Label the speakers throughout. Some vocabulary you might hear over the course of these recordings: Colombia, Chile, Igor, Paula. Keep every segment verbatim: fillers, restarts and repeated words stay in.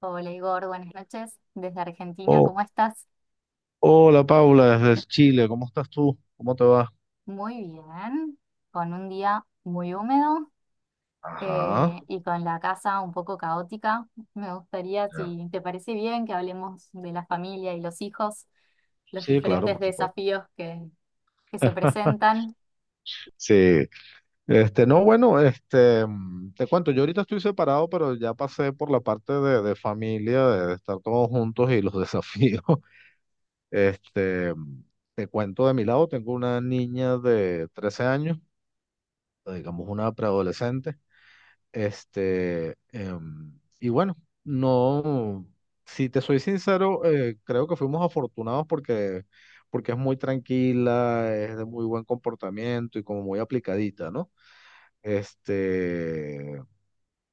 Speaker 1: Hola Igor, buenas noches desde Argentina.
Speaker 2: Oh,
Speaker 1: ¿Cómo estás?
Speaker 2: hola Paula, desde Chile, ¿cómo estás tú? ¿Cómo te va?
Speaker 1: Muy bien, con un día muy húmedo
Speaker 2: Ajá,
Speaker 1: eh, y con la casa un poco caótica. Me gustaría,
Speaker 2: ya.
Speaker 1: si te parece bien, que hablemos de la familia y los hijos, los
Speaker 2: Sí, claro,
Speaker 1: diferentes
Speaker 2: por supuesto.
Speaker 1: desafíos que, que se presentan.
Speaker 2: Sí, este, no, bueno, este, mm, te cuento, yo ahorita estoy separado, pero ya pasé por la parte de, de familia, de, de estar todos juntos y los desafíos. Este, mm, te cuento de mi lado, tengo una niña de trece años, digamos una preadolescente. Este, em, y bueno, no, si te soy sincero, eh, creo que fuimos afortunados porque, porque es muy tranquila, es de muy buen comportamiento y como muy aplicadita, ¿no? Este,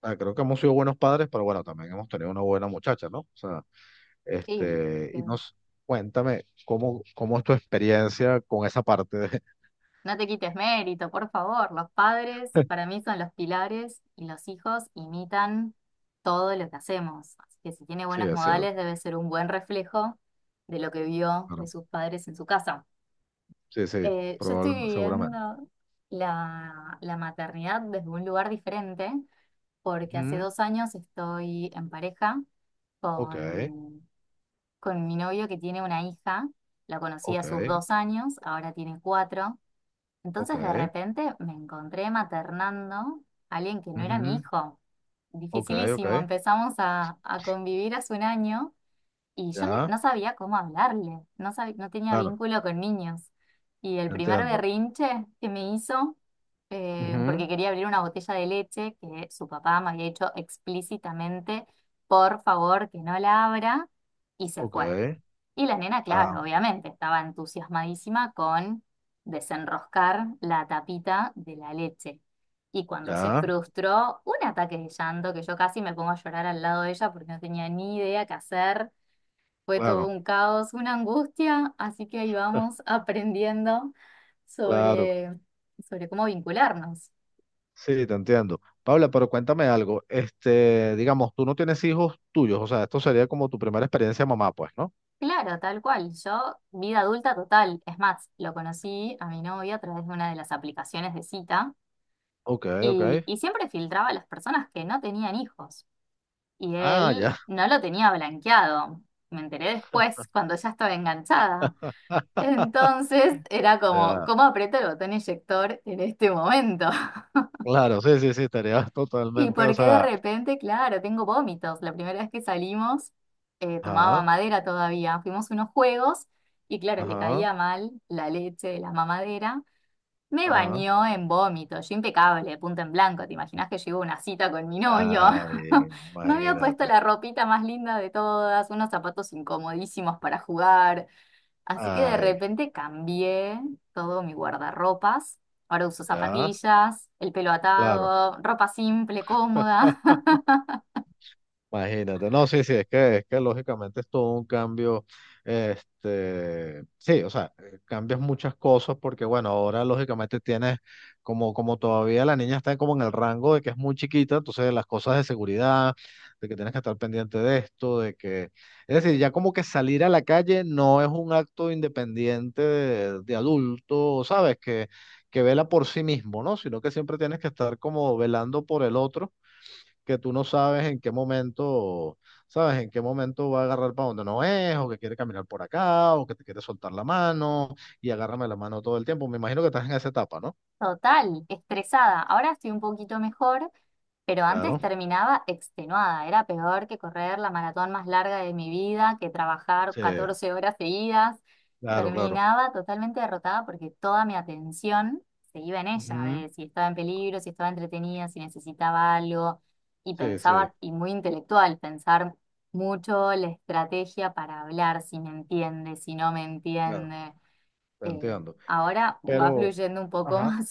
Speaker 2: ah, creo que hemos sido buenos padres, pero bueno, también hemos tenido una buena muchacha, ¿no? O sea,
Speaker 1: Sí,
Speaker 2: este, y nos, cuéntame, ¿cómo, cómo es tu experiencia con esa parte de...
Speaker 1: no te quites mérito, por favor. Los padres para mí son los pilares y los hijos imitan todo lo que hacemos. Así que si tiene
Speaker 2: Sí,
Speaker 1: buenos
Speaker 2: es cierto,
Speaker 1: modales debe ser un buen reflejo de lo que vio de
Speaker 2: claro.
Speaker 1: sus padres en su casa.
Speaker 2: Sí, sí,
Speaker 1: Eh, yo estoy
Speaker 2: probablemente, seguramente.
Speaker 1: viviendo la, la maternidad desde un lugar diferente porque hace
Speaker 2: Ujú,
Speaker 1: dos años estoy en pareja
Speaker 2: ok.
Speaker 1: con, con mi novio que tiene una hija. La conocí a
Speaker 2: Ok,
Speaker 1: sus dos años, ahora tiene cuatro.
Speaker 2: ok,
Speaker 1: Entonces de repente me encontré maternando a alguien que no era mi
Speaker 2: ujú,
Speaker 1: hijo.
Speaker 2: ok, ok,
Speaker 1: Dificilísimo, empezamos a, a convivir hace un año y yo ni-
Speaker 2: ya,
Speaker 1: no sabía cómo hablarle, no sab- no tenía
Speaker 2: claro,
Speaker 1: vínculo con niños. Y el primer
Speaker 2: entiendo.
Speaker 1: berrinche que me hizo, eh,
Speaker 2: Ujú,
Speaker 1: porque quería abrir una botella de leche que su papá me había dicho explícitamente, por favor, que no la abra, y se
Speaker 2: ok,
Speaker 1: fue. Y la nena,
Speaker 2: ah,
Speaker 1: claro, obviamente, estaba entusiasmadísima con desenroscar la tapita de la leche. Y cuando se
Speaker 2: ya,
Speaker 1: frustró, un ataque de llanto que yo casi me pongo a llorar al lado de ella porque no tenía ni idea qué hacer. Fue todo
Speaker 2: claro,
Speaker 1: un caos, una angustia, así que ahí vamos aprendiendo
Speaker 2: claro,
Speaker 1: sobre, sobre cómo vincularnos.
Speaker 2: sí, te entiendo. Paula, pero cuéntame algo, este, digamos, tú no tienes hijos tuyos, o sea, esto sería como tu primera experiencia mamá, pues, ¿no?
Speaker 1: Claro, tal cual. Yo, vida adulta total. Es más, lo conocí a mi novia a través de una de las aplicaciones de cita.
Speaker 2: Ok, ok,
Speaker 1: Y, y siempre filtraba a las personas que no tenían hijos. Y
Speaker 2: ah,
Speaker 1: él
Speaker 2: ya,
Speaker 1: no lo tenía blanqueado. Me enteré después, cuando ya estaba enganchada. Entonces era como,
Speaker 2: ya,
Speaker 1: ¿cómo aprieto el botón eyector en este momento?
Speaker 2: claro, sí, sí, sí, estaría
Speaker 1: ¿Y
Speaker 2: totalmente, o
Speaker 1: por qué de
Speaker 2: sea,
Speaker 1: repente, claro, tengo vómitos? La primera vez que salimos, eh, tomaba
Speaker 2: ajá,
Speaker 1: mamadera todavía. Fuimos a unos juegos y claro, le
Speaker 2: ajá,
Speaker 1: caía mal la leche de la mamadera. Me
Speaker 2: ajá,
Speaker 1: bañó en vómito, yo impecable, punto en blanco. ¿Te imaginas que yo iba a una cita con mi novio?
Speaker 2: ay,
Speaker 1: Me había puesto
Speaker 2: imagínate,
Speaker 1: la ropita más linda de todas, unos zapatos incomodísimos para jugar. Así que de
Speaker 2: ay,
Speaker 1: repente cambié todo mi guardarropas. Ahora uso
Speaker 2: ya,
Speaker 1: zapatillas, el pelo
Speaker 2: claro.
Speaker 1: atado, ropa simple, cómoda.
Speaker 2: Imagínate, no, sí, sí, es que, es que lógicamente es todo un cambio, este, sí, o sea, eh, cambias muchas cosas porque, bueno, ahora lógicamente tienes, como, como todavía la niña está como en el rango de que es muy chiquita, entonces las cosas de seguridad, de que tienes que estar pendiente de esto, de que, es decir, ya como que salir a la calle no es un acto independiente de, de adulto, ¿sabes? Que, que vela por sí mismo, ¿no? Sino que siempre tienes que estar como velando por el otro que tú no sabes en qué momento, sabes en qué momento va a agarrar para donde no es, o que quiere caminar por acá, o que te quiere soltar la mano y agárrame la mano todo el tiempo. Me imagino que estás en esa etapa, ¿no?
Speaker 1: Total, estresada. Ahora estoy un poquito mejor. Pero antes
Speaker 2: Claro,
Speaker 1: terminaba extenuada, era peor que correr la maratón más larga de mi vida, que trabajar
Speaker 2: sí,
Speaker 1: catorce horas seguidas.
Speaker 2: claro, claro.
Speaker 1: Terminaba totalmente derrotada porque toda mi atención se iba en ella,
Speaker 2: Ujú,
Speaker 1: de si estaba en peligro, si estaba entretenida, si necesitaba algo. Y
Speaker 2: sí, sí,
Speaker 1: pensaba, y muy intelectual, pensar mucho la estrategia para hablar, si me entiende, si no me
Speaker 2: claro,
Speaker 1: entiende.
Speaker 2: te
Speaker 1: Eh,
Speaker 2: entiendo.
Speaker 1: ahora va
Speaker 2: Pero,
Speaker 1: fluyendo un poco
Speaker 2: ajá,
Speaker 1: más.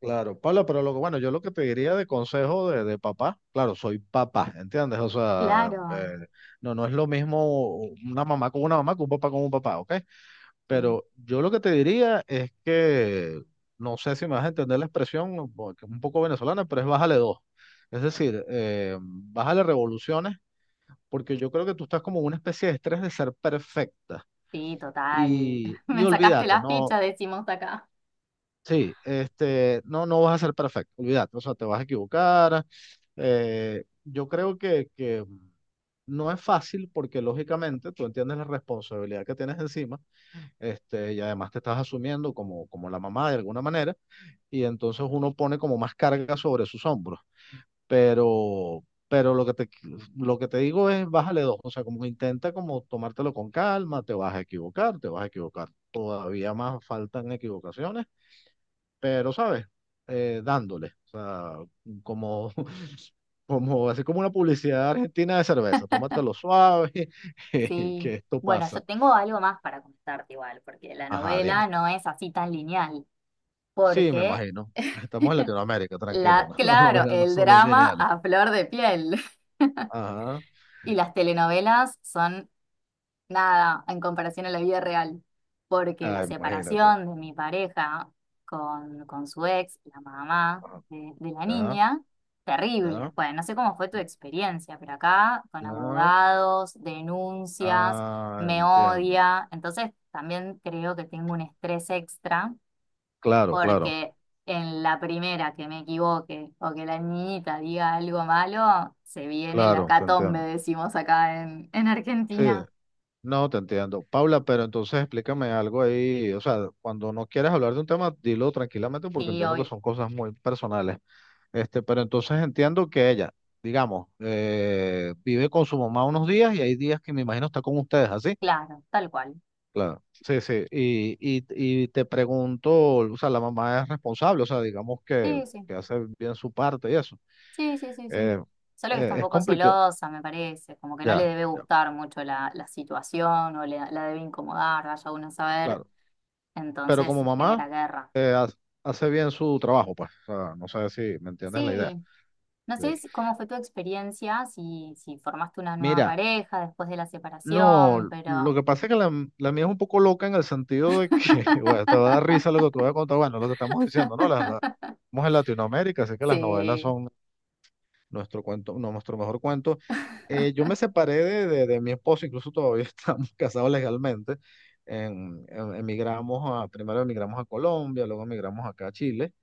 Speaker 2: claro, Pablo, pero lo que, bueno, yo lo que te diría de consejo de, de papá, claro, soy papá, ¿entiendes? O sea,
Speaker 1: Claro,
Speaker 2: eh, no, no es lo mismo una mamá con una mamá que un papá con un papá, ¿ok?
Speaker 1: sí.
Speaker 2: Pero yo lo que te diría es que, no sé si me vas a entender la expresión, porque es un poco venezolana, pero es bájale dos. Es decir, eh, bájale revoluciones, porque yo creo que tú estás como en una especie de estrés de ser perfecta.
Speaker 1: Sí, total.
Speaker 2: Y, y
Speaker 1: Me sacaste
Speaker 2: olvídate,
Speaker 1: la
Speaker 2: no,
Speaker 1: fecha, decimos acá.
Speaker 2: sí, este, no, no vas a ser perfecto, olvídate, o sea, te vas a equivocar. eh, yo creo que, que no es fácil porque lógicamente tú entiendes la responsabilidad que tienes encima este, y además te estás asumiendo como, como la mamá de alguna manera, y entonces uno pone como más carga sobre sus hombros. Pero, pero lo que te, lo que te digo es bájale dos, o sea, como que intenta como tomártelo con calma, te vas a equivocar, te vas a equivocar, todavía más faltan equivocaciones, pero sabes, eh, dándole, o sea, como... Como, así como una publicidad argentina de cerveza, tómatelo suave,
Speaker 1: Sí.
Speaker 2: que esto
Speaker 1: Bueno, yo
Speaker 2: pasa.
Speaker 1: tengo algo más para contarte igual, porque la
Speaker 2: Ajá,
Speaker 1: novela
Speaker 2: dime.
Speaker 1: no es así tan lineal,
Speaker 2: Sí, me
Speaker 1: porque
Speaker 2: imagino. Estamos en Latinoamérica, tranquilo,
Speaker 1: la,
Speaker 2: ¿no? Las
Speaker 1: claro,
Speaker 2: novelas no
Speaker 1: el
Speaker 2: son
Speaker 1: drama
Speaker 2: lineales.
Speaker 1: a flor de piel
Speaker 2: Ajá.
Speaker 1: y las telenovelas son nada en comparación a la vida real, porque la
Speaker 2: Ah, imagínate.
Speaker 1: separación de mi pareja con, con su ex, la mamá
Speaker 2: Ajá.
Speaker 1: de, de la
Speaker 2: Ya,
Speaker 1: niña, terrible.
Speaker 2: ya,
Speaker 1: Bueno, no sé cómo fue tu experiencia, pero acá con
Speaker 2: ya.
Speaker 1: abogados, denuncias,
Speaker 2: Ah,
Speaker 1: me
Speaker 2: entiendo. Ya.
Speaker 1: odia, entonces también creo que tengo un estrés extra,
Speaker 2: Claro, claro,
Speaker 1: porque en la primera que me equivoque o que la niñita diga algo malo, se viene la
Speaker 2: claro, te
Speaker 1: catombe,
Speaker 2: entiendo.
Speaker 1: decimos acá en, en
Speaker 2: Sí,
Speaker 1: Argentina.
Speaker 2: no, te entiendo. Paula, pero entonces explícame algo ahí. O sea, cuando no quieres hablar de un tema, dilo tranquilamente porque
Speaker 1: Sí,
Speaker 2: entiendo que
Speaker 1: obvio.
Speaker 2: son cosas muy personales. Este, pero entonces entiendo que ella, digamos, eh, vive con su mamá unos días y hay días que me imagino está con ustedes, ¿así?
Speaker 1: Claro, tal cual.
Speaker 2: Claro, sí, sí. Y, y, y te pregunto, o sea, la mamá es responsable, o sea, digamos que,
Speaker 1: Sí, sí,
Speaker 2: que hace bien su parte y eso.
Speaker 1: sí, sí, sí, sí.
Speaker 2: Eh,
Speaker 1: Solo que está
Speaker 2: eh,
Speaker 1: un
Speaker 2: es
Speaker 1: poco
Speaker 2: complicado,
Speaker 1: celosa, me parece, como que no le
Speaker 2: ya,
Speaker 1: debe
Speaker 2: ya,
Speaker 1: gustar mucho la, la situación o le- la debe incomodar, vaya uno a saber,
Speaker 2: claro. Pero
Speaker 1: entonces
Speaker 2: como
Speaker 1: genera
Speaker 2: mamá,
Speaker 1: guerra.
Speaker 2: eh, ha- hace bien su trabajo, pues. O sea, no sé si me entiendes la idea.
Speaker 1: Sí, no
Speaker 2: Sí.
Speaker 1: sé si, cómo fue tu experiencia, si, si formaste una nueva
Speaker 2: Mira,
Speaker 1: pareja después de la
Speaker 2: no,
Speaker 1: separación,
Speaker 2: lo
Speaker 1: pero…
Speaker 2: que pasa es que la, la mía es un poco loca en el sentido de que, bueno, te va a dar risa lo que te voy a contar, bueno, lo que estamos diciendo, ¿no? Las, las, estamos en Latinoamérica, así que las novelas
Speaker 1: Sí,
Speaker 2: son nuestro cuento, no, nuestro mejor cuento. Eh, yo me separé de, de, de mi esposo, incluso todavía estamos casados legalmente. En- en- emigramos a, primero emigramos a Colombia, luego emigramos acá a Chile.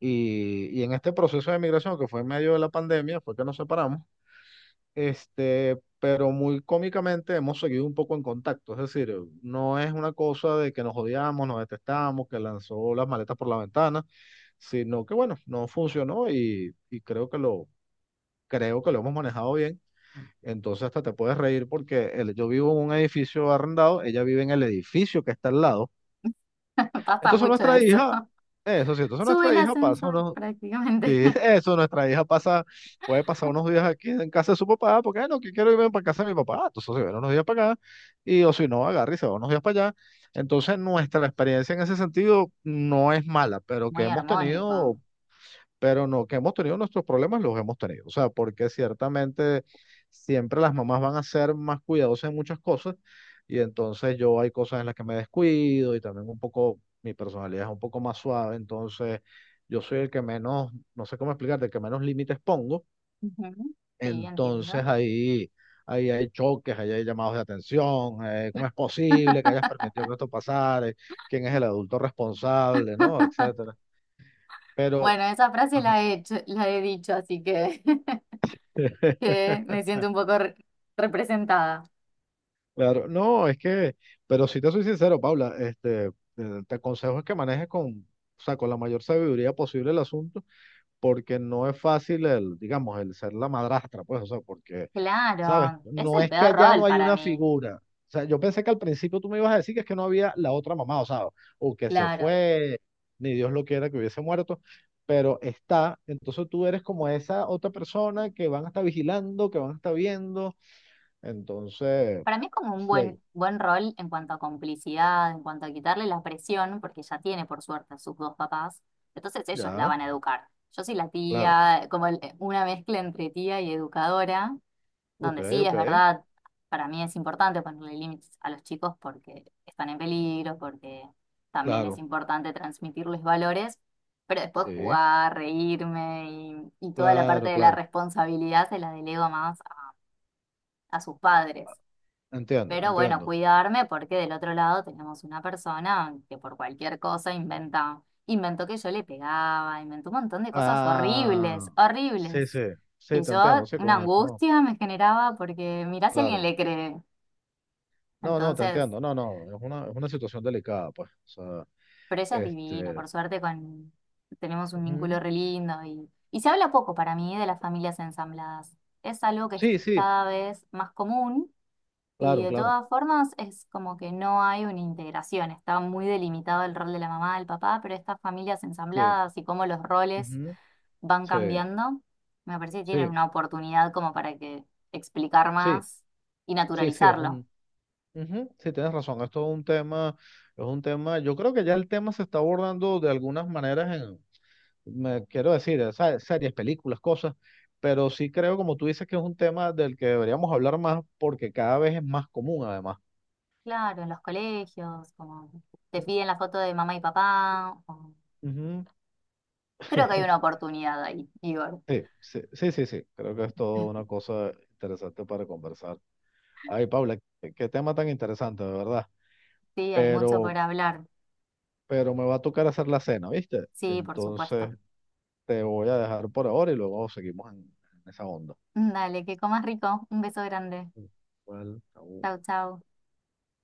Speaker 2: Y, y en este proceso de emigración, que fue en medio de la pandemia, fue que nos separamos. Este, pero muy cómicamente hemos seguido un poco en contacto. Es decir, no es una cosa de que nos odiamos, nos detestamos, que lanzó las maletas por la ventana, sino que bueno, no funcionó y, y creo que lo, creo que lo hemos manejado bien. Entonces hasta te puedes reír porque el- yo vivo en un edificio arrendado, ella vive en el edificio que está al lado.
Speaker 1: pasa
Speaker 2: Entonces
Speaker 1: mucho
Speaker 2: nuestra
Speaker 1: eso.
Speaker 2: hija, eso sí, entonces
Speaker 1: Sube el
Speaker 2: nuestra hija pasa
Speaker 1: ascensor
Speaker 2: unos,
Speaker 1: prácticamente.
Speaker 2: sí, eso, nuestra hija pasa, puede pasar unos días aquí en casa de su papá, porque "Ah, no, que quiero irme para casa de mi papá. Ah, entonces se viene unos días para acá y o si no, agarra y se va unos días para allá. Entonces nuestra experiencia en ese sentido no es mala, pero que
Speaker 1: Muy
Speaker 2: hemos tenido
Speaker 1: armónico.
Speaker 2: pero no, que hemos tenido nuestros problemas, los hemos tenido. O sea, porque ciertamente siempre las mamás van a ser más cuidadosas en muchas cosas y entonces yo hay cosas en las que me descuido y también un poco, mi personalidad es un poco más suave, entonces yo soy el que menos, no sé cómo explicarte, el que menos límites pongo,
Speaker 1: Ujú. Sí, entiendo.
Speaker 2: entonces ahí... Ahí hay choques, ahí hay llamados de atención, eh, cómo es posible que hayas permitido que esto pasara, Eh, quién es el adulto responsable, ¿no? Etcétera. Pero,
Speaker 1: Bueno, esa frase
Speaker 2: ajá.
Speaker 1: la he hecho- la he dicho, así que, que me siento un poco re- representada.
Speaker 2: Claro, no, es que, pero si te soy sincero, Paula, este, eh, te aconsejo es que manejes con, o sea, con la mayor sabiduría posible el asunto, porque no es fácil el, digamos, el ser la madrastra, pues, o sea, porque, ¿sabes?
Speaker 1: Claro, es
Speaker 2: No
Speaker 1: el
Speaker 2: es que
Speaker 1: peor
Speaker 2: allá
Speaker 1: rol
Speaker 2: no hay
Speaker 1: para
Speaker 2: una
Speaker 1: mí.
Speaker 2: figura. O sea, yo pensé que al principio tú me ibas a decir que es que no había la otra mamá, o sea, o que se
Speaker 1: Claro,
Speaker 2: fue, ni Dios lo quiera que hubiese muerto, pero está, entonces tú eres como esa otra persona que van a estar vigilando, que van a estar viendo, entonces...
Speaker 1: para mí es como un
Speaker 2: Sí,
Speaker 1: buen, buen rol en cuanto a complicidad, en cuanto a quitarle la presión, porque ya tiene por suerte a sus dos papás, entonces ellos la
Speaker 2: ya,
Speaker 1: van a educar. Yo soy la
Speaker 2: claro.
Speaker 1: tía, como el- una mezcla entre tía y educadora,
Speaker 2: Ok,
Speaker 1: donde sí
Speaker 2: ok.
Speaker 1: es verdad, para mí es importante ponerle límites a los chicos porque están en peligro, porque también es
Speaker 2: Claro,
Speaker 1: importante transmitirles valores, pero después
Speaker 2: sí.
Speaker 1: jugar, reírme y, y toda la parte
Speaker 2: Claro,
Speaker 1: de la
Speaker 2: claro.
Speaker 1: responsabilidad se la delego más a, a sus padres.
Speaker 2: Entiendo,
Speaker 1: Pero bueno,
Speaker 2: entiendo.
Speaker 1: cuidarme porque del otro lado tenemos una persona que por cualquier cosa inventa, inventó que yo le pegaba, inventó un montón de cosas horribles,
Speaker 2: Ah, sí, sí.
Speaker 1: horribles,
Speaker 2: Sí,
Speaker 1: que
Speaker 2: te entiendo,
Speaker 1: yo
Speaker 2: sí,
Speaker 1: una
Speaker 2: con eso. No,
Speaker 1: angustia me generaba porque mirá si alguien
Speaker 2: claro.
Speaker 1: le cree.
Speaker 2: No, no, te
Speaker 1: Entonces,
Speaker 2: entiendo. No, no. Es una, es una situación delicada, pues. O sea,
Speaker 1: pero ella es divina,
Speaker 2: este.
Speaker 1: por suerte con, tenemos un
Speaker 2: Ujú.
Speaker 1: vínculo re lindo y, y se habla poco para mí de las familias ensambladas. Es algo que es
Speaker 2: Sí, sí.
Speaker 1: cada vez más común. Y
Speaker 2: Claro,
Speaker 1: de
Speaker 2: claro.
Speaker 1: todas formas es como que no hay una integración, está muy delimitado el rol de la mamá, del papá, pero estas familias
Speaker 2: Sí.
Speaker 1: ensambladas y cómo los roles
Speaker 2: Ujú,
Speaker 1: van
Speaker 2: sí,
Speaker 1: cambiando, me parece que tienen
Speaker 2: sí,
Speaker 1: una oportunidad como para que explicar
Speaker 2: sí.
Speaker 1: más y
Speaker 2: Sí, sí, es
Speaker 1: naturalizarlo.
Speaker 2: un. Ujú, sí, tienes razón. Esto es un tema. Es un tema. Yo creo que ya el tema se está abordando de algunas maneras me quiero decir, eh, sa- series, películas, cosas, pero sí creo, como tú dices, que es un tema del que deberíamos hablar más porque cada vez es más común, además.
Speaker 1: Claro, en los colegios, como te
Speaker 2: Mm,
Speaker 1: piden la foto de mamá y papá, o-
Speaker 2: ujú.
Speaker 1: creo que hay una oportunidad ahí, Igor.
Speaker 2: Sí, sí, sí, sí, sí, creo que es toda una cosa interesante para conversar. Ay, Paula, qué, qué tema tan interesante, de verdad.
Speaker 1: Sí, hay mucho
Speaker 2: Pero,
Speaker 1: por hablar.
Speaker 2: pero me va a tocar hacer la cena, ¿viste?
Speaker 1: Sí, por
Speaker 2: Entonces
Speaker 1: supuesto.
Speaker 2: te voy a dejar por ahora y luego seguimos en, en esa onda.
Speaker 1: Dale, que comas rico. Un beso grande.
Speaker 2: Igual, chao.
Speaker 1: Chau, chau.